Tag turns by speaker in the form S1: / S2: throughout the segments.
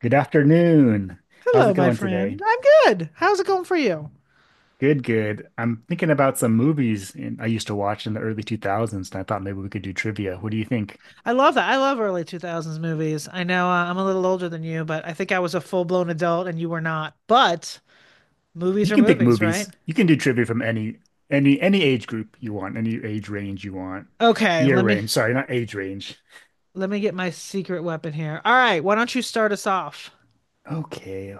S1: Good afternoon. How's
S2: Hello,
S1: it
S2: my
S1: going today?
S2: friend. I'm good. How's it going for you?
S1: Good, good. I'm thinking about some movies in, I used to watch in the early 2000s, and I thought maybe we could do trivia. What do you think?
S2: I love that. I love early 2000s movies. I'm a little older than you, but I think I was a full-blown adult and you were not. But movies
S1: You
S2: are
S1: can pick
S2: movies,
S1: movies.
S2: right?
S1: You can do trivia from any any age group you want, any age range you want.
S2: Okay,
S1: Year range, sorry, not age range.
S2: let me get my secret weapon here. All right, why don't you start us off?
S1: Okay.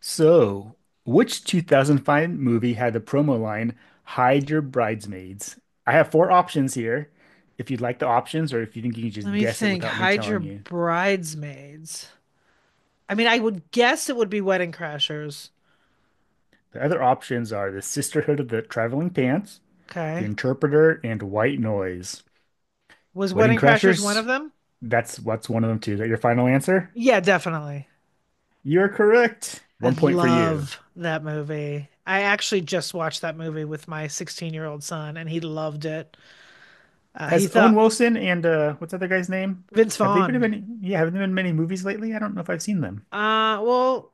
S1: So, which 2005 movie had the promo line, Hide Your Bridesmaids? I have four options here. If you'd like the options, or if you think you can
S2: Let
S1: just
S2: me
S1: guess it
S2: think.
S1: without me
S2: Hide your
S1: telling you.
S2: bridesmaids. I mean, I would guess it would be Wedding Crashers.
S1: The other options are the Sisterhood of the Traveling Pants, the
S2: Okay.
S1: Interpreter, and White Noise.
S2: Was
S1: Wedding
S2: Wedding Crashers one of
S1: Crashers?
S2: them?
S1: That's what's one of them too. Is that your final answer?
S2: Yeah, definitely.
S1: You're correct.
S2: I
S1: One point for you.
S2: love that movie. I actually just watched that movie with my 16-year-old son, and he loved it. He
S1: Has Owen
S2: thought
S1: Wilson and what's the other guy's name?
S2: Vince
S1: Have they been in
S2: Vaughn.
S1: any yeah, have there been many movies lately? I don't know if I've seen them.
S2: Uh, well,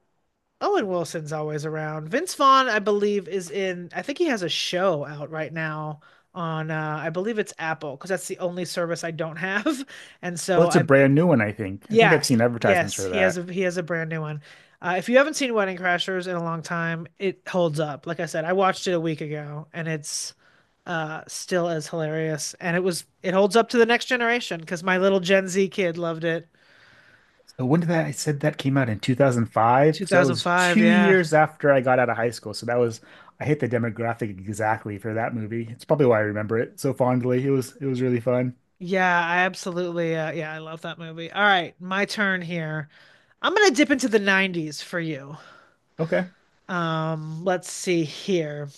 S2: Owen Wilson's always around. Vince Vaughn, I believe, is in. I think he has a show out right now on. I believe it's Apple because that's the only service I don't have, and
S1: Well,
S2: so
S1: it's a
S2: I
S1: brand new one, I think. I think
S2: Yeah,
S1: I've seen advertisements
S2: yes,
S1: for that.
S2: he has a brand new one. If you haven't seen Wedding Crashers in a long time, it holds up. Like I said, I watched it a week ago, and it's still as hilarious. And it was it holds up to the next generation because my little Gen Z kid loved it.
S1: When did that I said that came out in 2005? So that was
S2: 2005,
S1: two
S2: yeah.
S1: years after I got out of high school. So that was I hit the demographic exactly for that movie. It's probably why I remember it so fondly. It was really fun.
S2: Yeah, I absolutely yeah, I love that movie. All right, my turn here. I'm gonna dip into the 90s for you.
S1: Okay.
S2: Let's see here.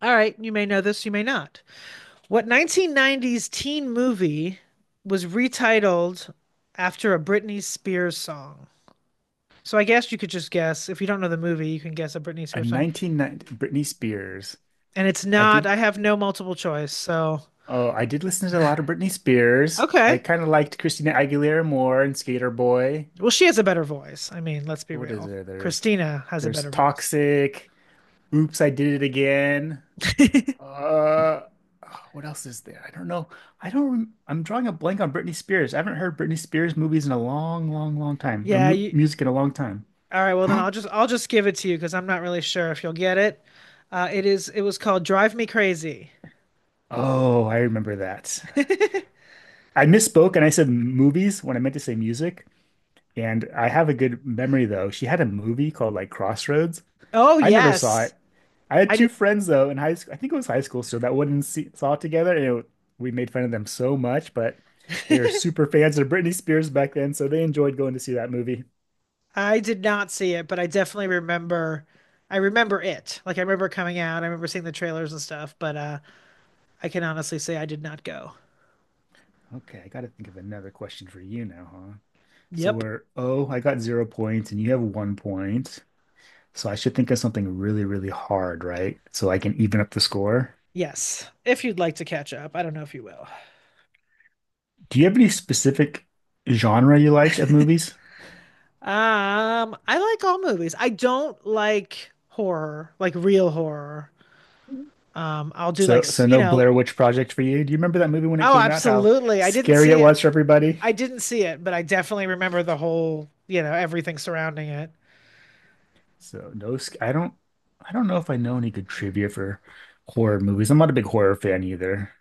S2: All right, you may know this, you may not. What 1990s teen movie was retitled after a Britney Spears song? So I guess you could just guess. If you don't know the movie, you can guess a Britney
S1: A
S2: Spears song.
S1: 1990 Britney Spears.
S2: And it's
S1: I
S2: not,
S1: did
S2: I have no multiple choice.
S1: Oh, I did listen to a lot of Britney Spears. I
S2: Okay.
S1: kind of liked Christina Aguilera more and Skater Boy.
S2: Well, she has a better voice. I mean, let's be
S1: What is
S2: real.
S1: there?
S2: Christina has a
S1: There's
S2: better voice.
S1: Toxic. Oops, I Did It Again. Uh, what else is there? I don't know. I don't. I'm drawing a blank on Britney Spears. I haven't heard Britney Spears movies in a long, long, long time, or
S2: Yeah,
S1: mu
S2: you,
S1: music in a long time.
S2: all right, well then I'll just give it to you because I'm not really sure if you'll get it. It is it was called Drive Me Crazy.
S1: Oh, I remember that. I misspoke and I said movies when I meant to say music. And I have a good memory though. She had a movie called like Crossroads.
S2: Oh
S1: I never saw
S2: yes.
S1: it. I had
S2: I
S1: two
S2: did
S1: friends though in high school. I think it was high school, so that wouldn't see, saw it together. And it, we made fun of them so much, but they were super fans of Britney Spears back then, so they enjoyed going to see that movie.
S2: I did not see it, but I definitely remember I remember it. Like I remember coming out, I remember seeing the trailers and stuff, but I can honestly say I did not go.
S1: Okay, I got to think of another question for you now, huh? So
S2: Yep.
S1: we're Oh, I got zero points, and you have one point. So I should think of something really, really hard, right? So I can even up the score.
S2: Yes. If you'd like to catch up, I don't know if you will.
S1: Do you have any specific genre you liked of movies?
S2: I like all movies. I don't like horror, like real horror. I'll do like,
S1: So, so no Blair Witch Project for you. Do you remember that movie when it
S2: oh,
S1: came out? How
S2: absolutely. I didn't
S1: scary it
S2: see it.
S1: was for everybody.
S2: I didn't see it, but I definitely remember the whole, you know, everything surrounding it.
S1: So no, sc- I don't, I don't know if I know any good trivia for horror movies. I'm not a big horror fan either.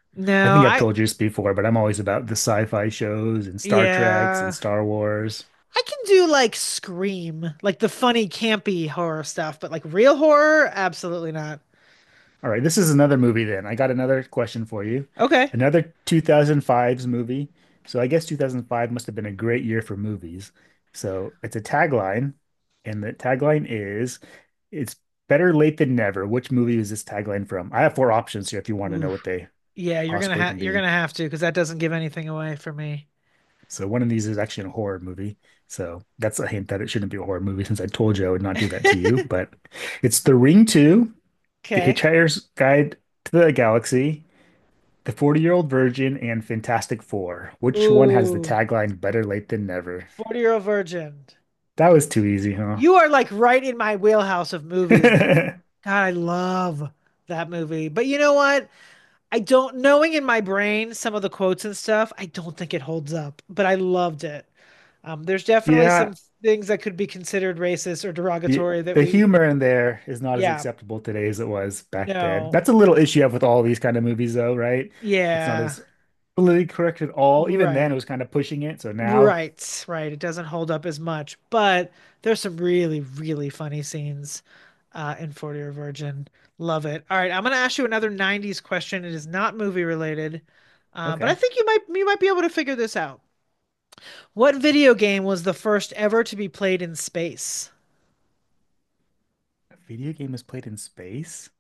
S1: I
S2: No,
S1: think I've
S2: I
S1: told you this before, but I'm always about the sci-fi shows and Star Treks and
S2: yeah.
S1: Star Wars.
S2: I can do like Scream, like the funny, campy horror stuff, but like real horror, absolutely not.
S1: All right, this is another movie then. I got another question for you.
S2: Okay.
S1: Another 2005's movie. So I guess 2005 must have been a great year for movies. So it's a tagline, and the tagline is it's better late than never. Which movie is this tagline from? I have four options here if you want to know what
S2: Oof.
S1: they
S2: Yeah,
S1: possibly can
S2: you're
S1: be.
S2: gonna have to because that doesn't give anything away for me.
S1: So one of these is actually a horror movie. So that's a hint that it shouldn't be a horror movie since I told you I would not do that to you. But it's The Ring 2, The
S2: Okay.
S1: Hitchhiker's Guide to the Galaxy, The 40 Year Old Virgin and Fantastic Four. Which one has the
S2: Ooh,
S1: tagline better late than never?
S2: 40 Year Old Virgin.
S1: That was too easy, huh?
S2: You are like right in my wheelhouse of movies, though. God, I love that movie. But you know what? I don't knowing in my brain some of the quotes and stuff, I don't think it holds up, but I loved it. There's definitely
S1: Yeah,
S2: some things that could be considered racist or
S1: the,
S2: derogatory
S1: the humor in there is not as
S2: yeah,
S1: acceptable today as it was back then. That's
S2: no,
S1: a little issue I have with all these kind of movies, though, right? It's not
S2: yeah,
S1: as politically correct at all. Even then, it
S2: right,
S1: was kind of pushing it. So now,
S2: right. It doesn't hold up as much, but there's some really, really funny scenes in 40 Year Virgin. Love it. All right, I'm gonna ask you another 90s question. It is not movie related, but I
S1: okay,
S2: think you might be able to figure this out. What video game was the first ever to be played in space?
S1: a video game is played in space,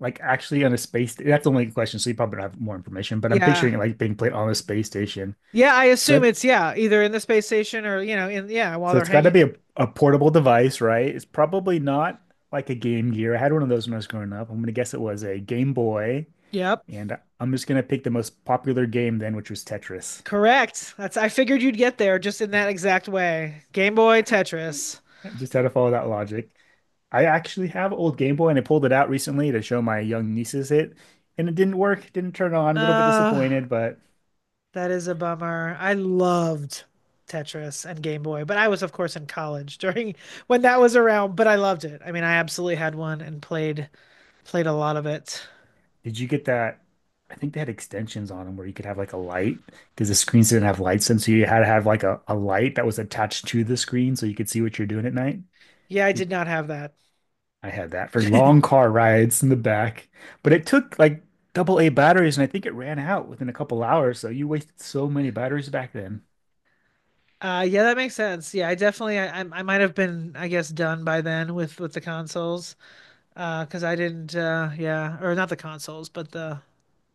S1: like actually on a space. That's the only a question, so you probably don't have more information. But I'm
S2: Yeah.
S1: picturing it like being played on a space station.
S2: Yeah, I
S1: So
S2: assume
S1: that
S2: it's yeah, either in the space station or you know, while
S1: So
S2: they're
S1: it's got to
S2: hanging.
S1: be a portable device, right? It's probably not like a Game Gear. I had one of those when I was growing up. I'm going to guess it was a Game Boy.
S2: Yep,
S1: And I'm just going to pick the most popular game then, which was Tetris.
S2: correct. That's I figured you'd get there just in that exact way. Game Boy Tetris.
S1: Just had to follow that logic. I actually have an old Game Boy and I pulled it out recently to show my young nieces it. And it didn't work, didn't turn on, a little bit
S2: Uh,
S1: disappointed, but
S2: that is a bummer. I loved Tetris and Game Boy, but I was of course in college during when that was around, but I loved it. I mean, I absolutely had one and played a lot of it.
S1: did you get that? I think they had extensions on them where you could have like a light because the screens didn't have lights in, so you had to have like a light that was attached to the screen so you could see what you're doing at night.
S2: Yeah, I
S1: Did,
S2: did not have that.
S1: I had that for long car rides in the back, but it took like double A batteries, and I think it ran out within a couple hours. So you wasted so many batteries back then.
S2: Yeah, that makes sense. Yeah, I might have been, I guess, done by then with the consoles, because I didn't, yeah, or not the consoles, but the,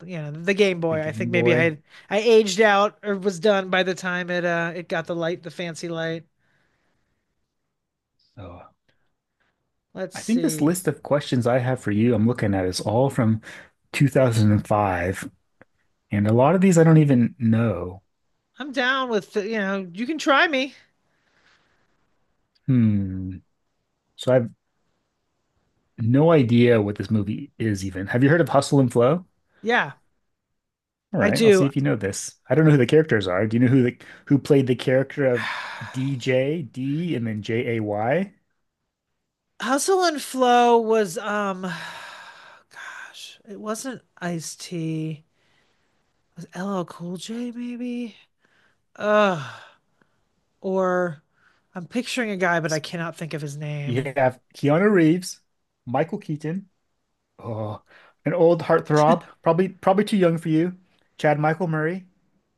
S2: you know, the Game
S1: The
S2: Boy. I think
S1: Game
S2: maybe I
S1: Boy.
S2: had, I aged out or was done by the time it got the light, the fancy light.
S1: So
S2: Let's
S1: I think this
S2: see.
S1: list of questions I have for you, I'm looking at, is all from 2005, and a lot of these I don't even know.
S2: I'm down with, you can try me.
S1: Hmm. So I've No idea what this movie is even. Have you heard of Hustle and Flow?
S2: Yeah,
S1: All
S2: I
S1: right, I'll see
S2: do.
S1: if you know this. I don't know who the characters are. Do you know who played the character of DJ D and then Jay?
S2: Hustle and Flow was, gosh, it wasn't Ice T. Was LL Cool J maybe? Ugh. Or I'm picturing a guy, but I
S1: S-
S2: cannot think of his
S1: You
S2: name.
S1: have Keanu Reeves, Michael Keaton, oh, an old heartthrob, probably too young for you. Chad Michael Murray.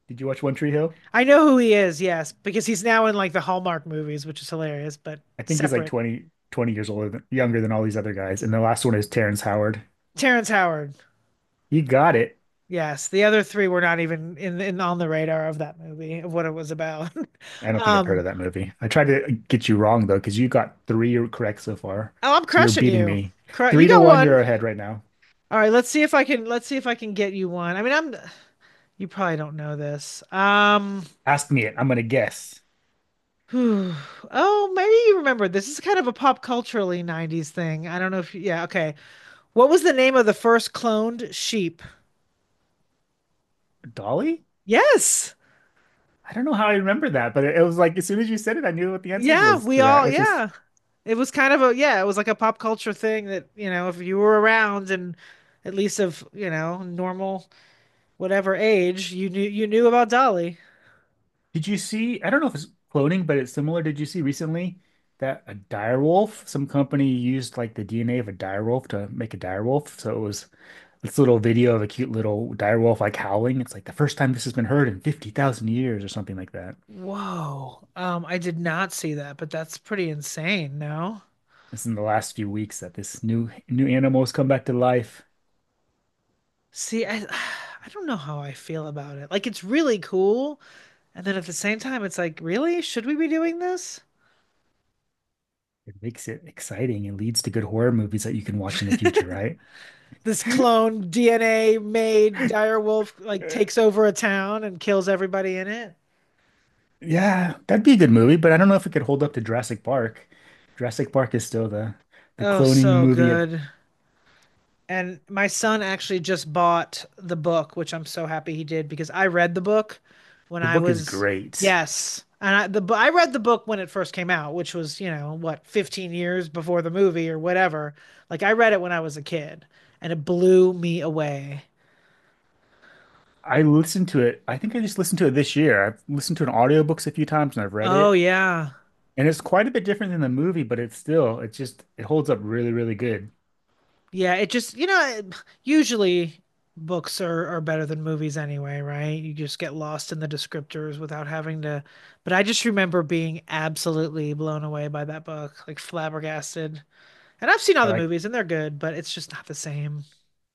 S1: Did you watch One Tree Hill?
S2: I know who he is, yes, because he's now in like the Hallmark movies, which is hilarious, but
S1: I think he's like
S2: separate.
S1: twenty years older than, younger than all these other guys. And the last one is Terrence Howard.
S2: Terrence Howard.
S1: You got it.
S2: Yes, the other three were not even in on the radar of that movie, of what it was about.
S1: I don't think I've heard of
S2: Um,
S1: that movie. I tried to get you wrong though, because you got three correct so far.
S2: oh, I'm
S1: So you're
S2: crushing
S1: beating
S2: you.
S1: me.
S2: Cru you
S1: Three to
S2: got
S1: one, you're
S2: one.
S1: ahead right now.
S2: All right, let's see if I can get you one. I mean, I'm you probably don't know this.
S1: Ask me it. I'm gonna guess.
S2: Oh, maybe you remember. This is kind of a pop culturally 90s thing. I don't know if yeah, okay. What was the name of the first cloned sheep?
S1: Dolly?
S2: Yes.
S1: I don't know how I remember that, but it was like as soon as you said it, I knew what the answer
S2: Yeah,
S1: was
S2: we
S1: to that.
S2: all
S1: Which is,
S2: yeah. It was like a pop culture thing that, you know, if you were around and at least of, you know, normal whatever age, you knew about Dolly.
S1: did you see? I don't know if it's cloning, but it's similar. Did you see recently that a direwolf? Some company used like the DNA of a direwolf to make a direwolf. So it was this little video of a cute little direwolf like howling. It's like the first time this has been heard in 50,000 years or something like that.
S2: Whoa. I did not see that, but that's pretty insane, no?
S1: This is in the last few weeks that this new animal has come back to life.
S2: See, I I don't know how I feel about it. Like it's really cool, and then at the same time, it's like, really? Should we be doing this?
S1: It makes it exciting. It leads to good horror movies that you can watch in the future, right?
S2: this clone DNA made dire wolf like
S1: Uh,
S2: takes over a town and kills everybody in it.
S1: yeah, that'd be a good movie, but I don't know if it could hold up to Jurassic Park. Jurassic Park is still the
S2: Oh,
S1: cloning
S2: so
S1: movie of
S2: good. And my son actually just bought the book, which I'm so happy he did because I read the book when
S1: the
S2: I
S1: book is
S2: was
S1: great.
S2: yes, and I read the book when it first came out, which was you know what 15 years before the movie or whatever. Like I read it when I was a kid, and it blew me away.
S1: I listened to it. I think I just listened to it this year. I've listened to an audiobooks a few times and I've read
S2: Oh
S1: it.
S2: yeah.
S1: And it's quite a bit different than the movie, but it's still, it's just, it holds up really, really good.
S2: Yeah, it just, you know, usually are better than movies anyway, right? You just get lost in the descriptors without having to. But I just remember being absolutely blown away by that book, like flabbergasted. And I've seen all
S1: I
S2: the
S1: like,
S2: movies and they're good, but it's just not the same.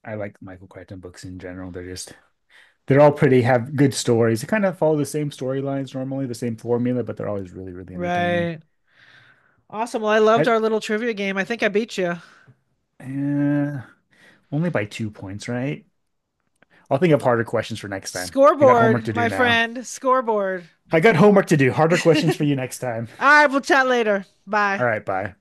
S1: I like Michael Crichton books in general. They're all pretty, have good stories. They kind of follow the same storylines normally, the same formula, but they're always really, really entertaining.
S2: Right. Awesome. Well, I loved
S1: I,
S2: our little trivia game. I think I beat you.
S1: uh, Only by two points, right? I'll think of harder questions for next time. I got homework
S2: Scoreboard,
S1: to do
S2: my
S1: now.
S2: friend, scoreboard.
S1: I got homework to do. Harder questions for you next time.
S2: All right, we'll chat later.
S1: All
S2: Bye.
S1: right, bye.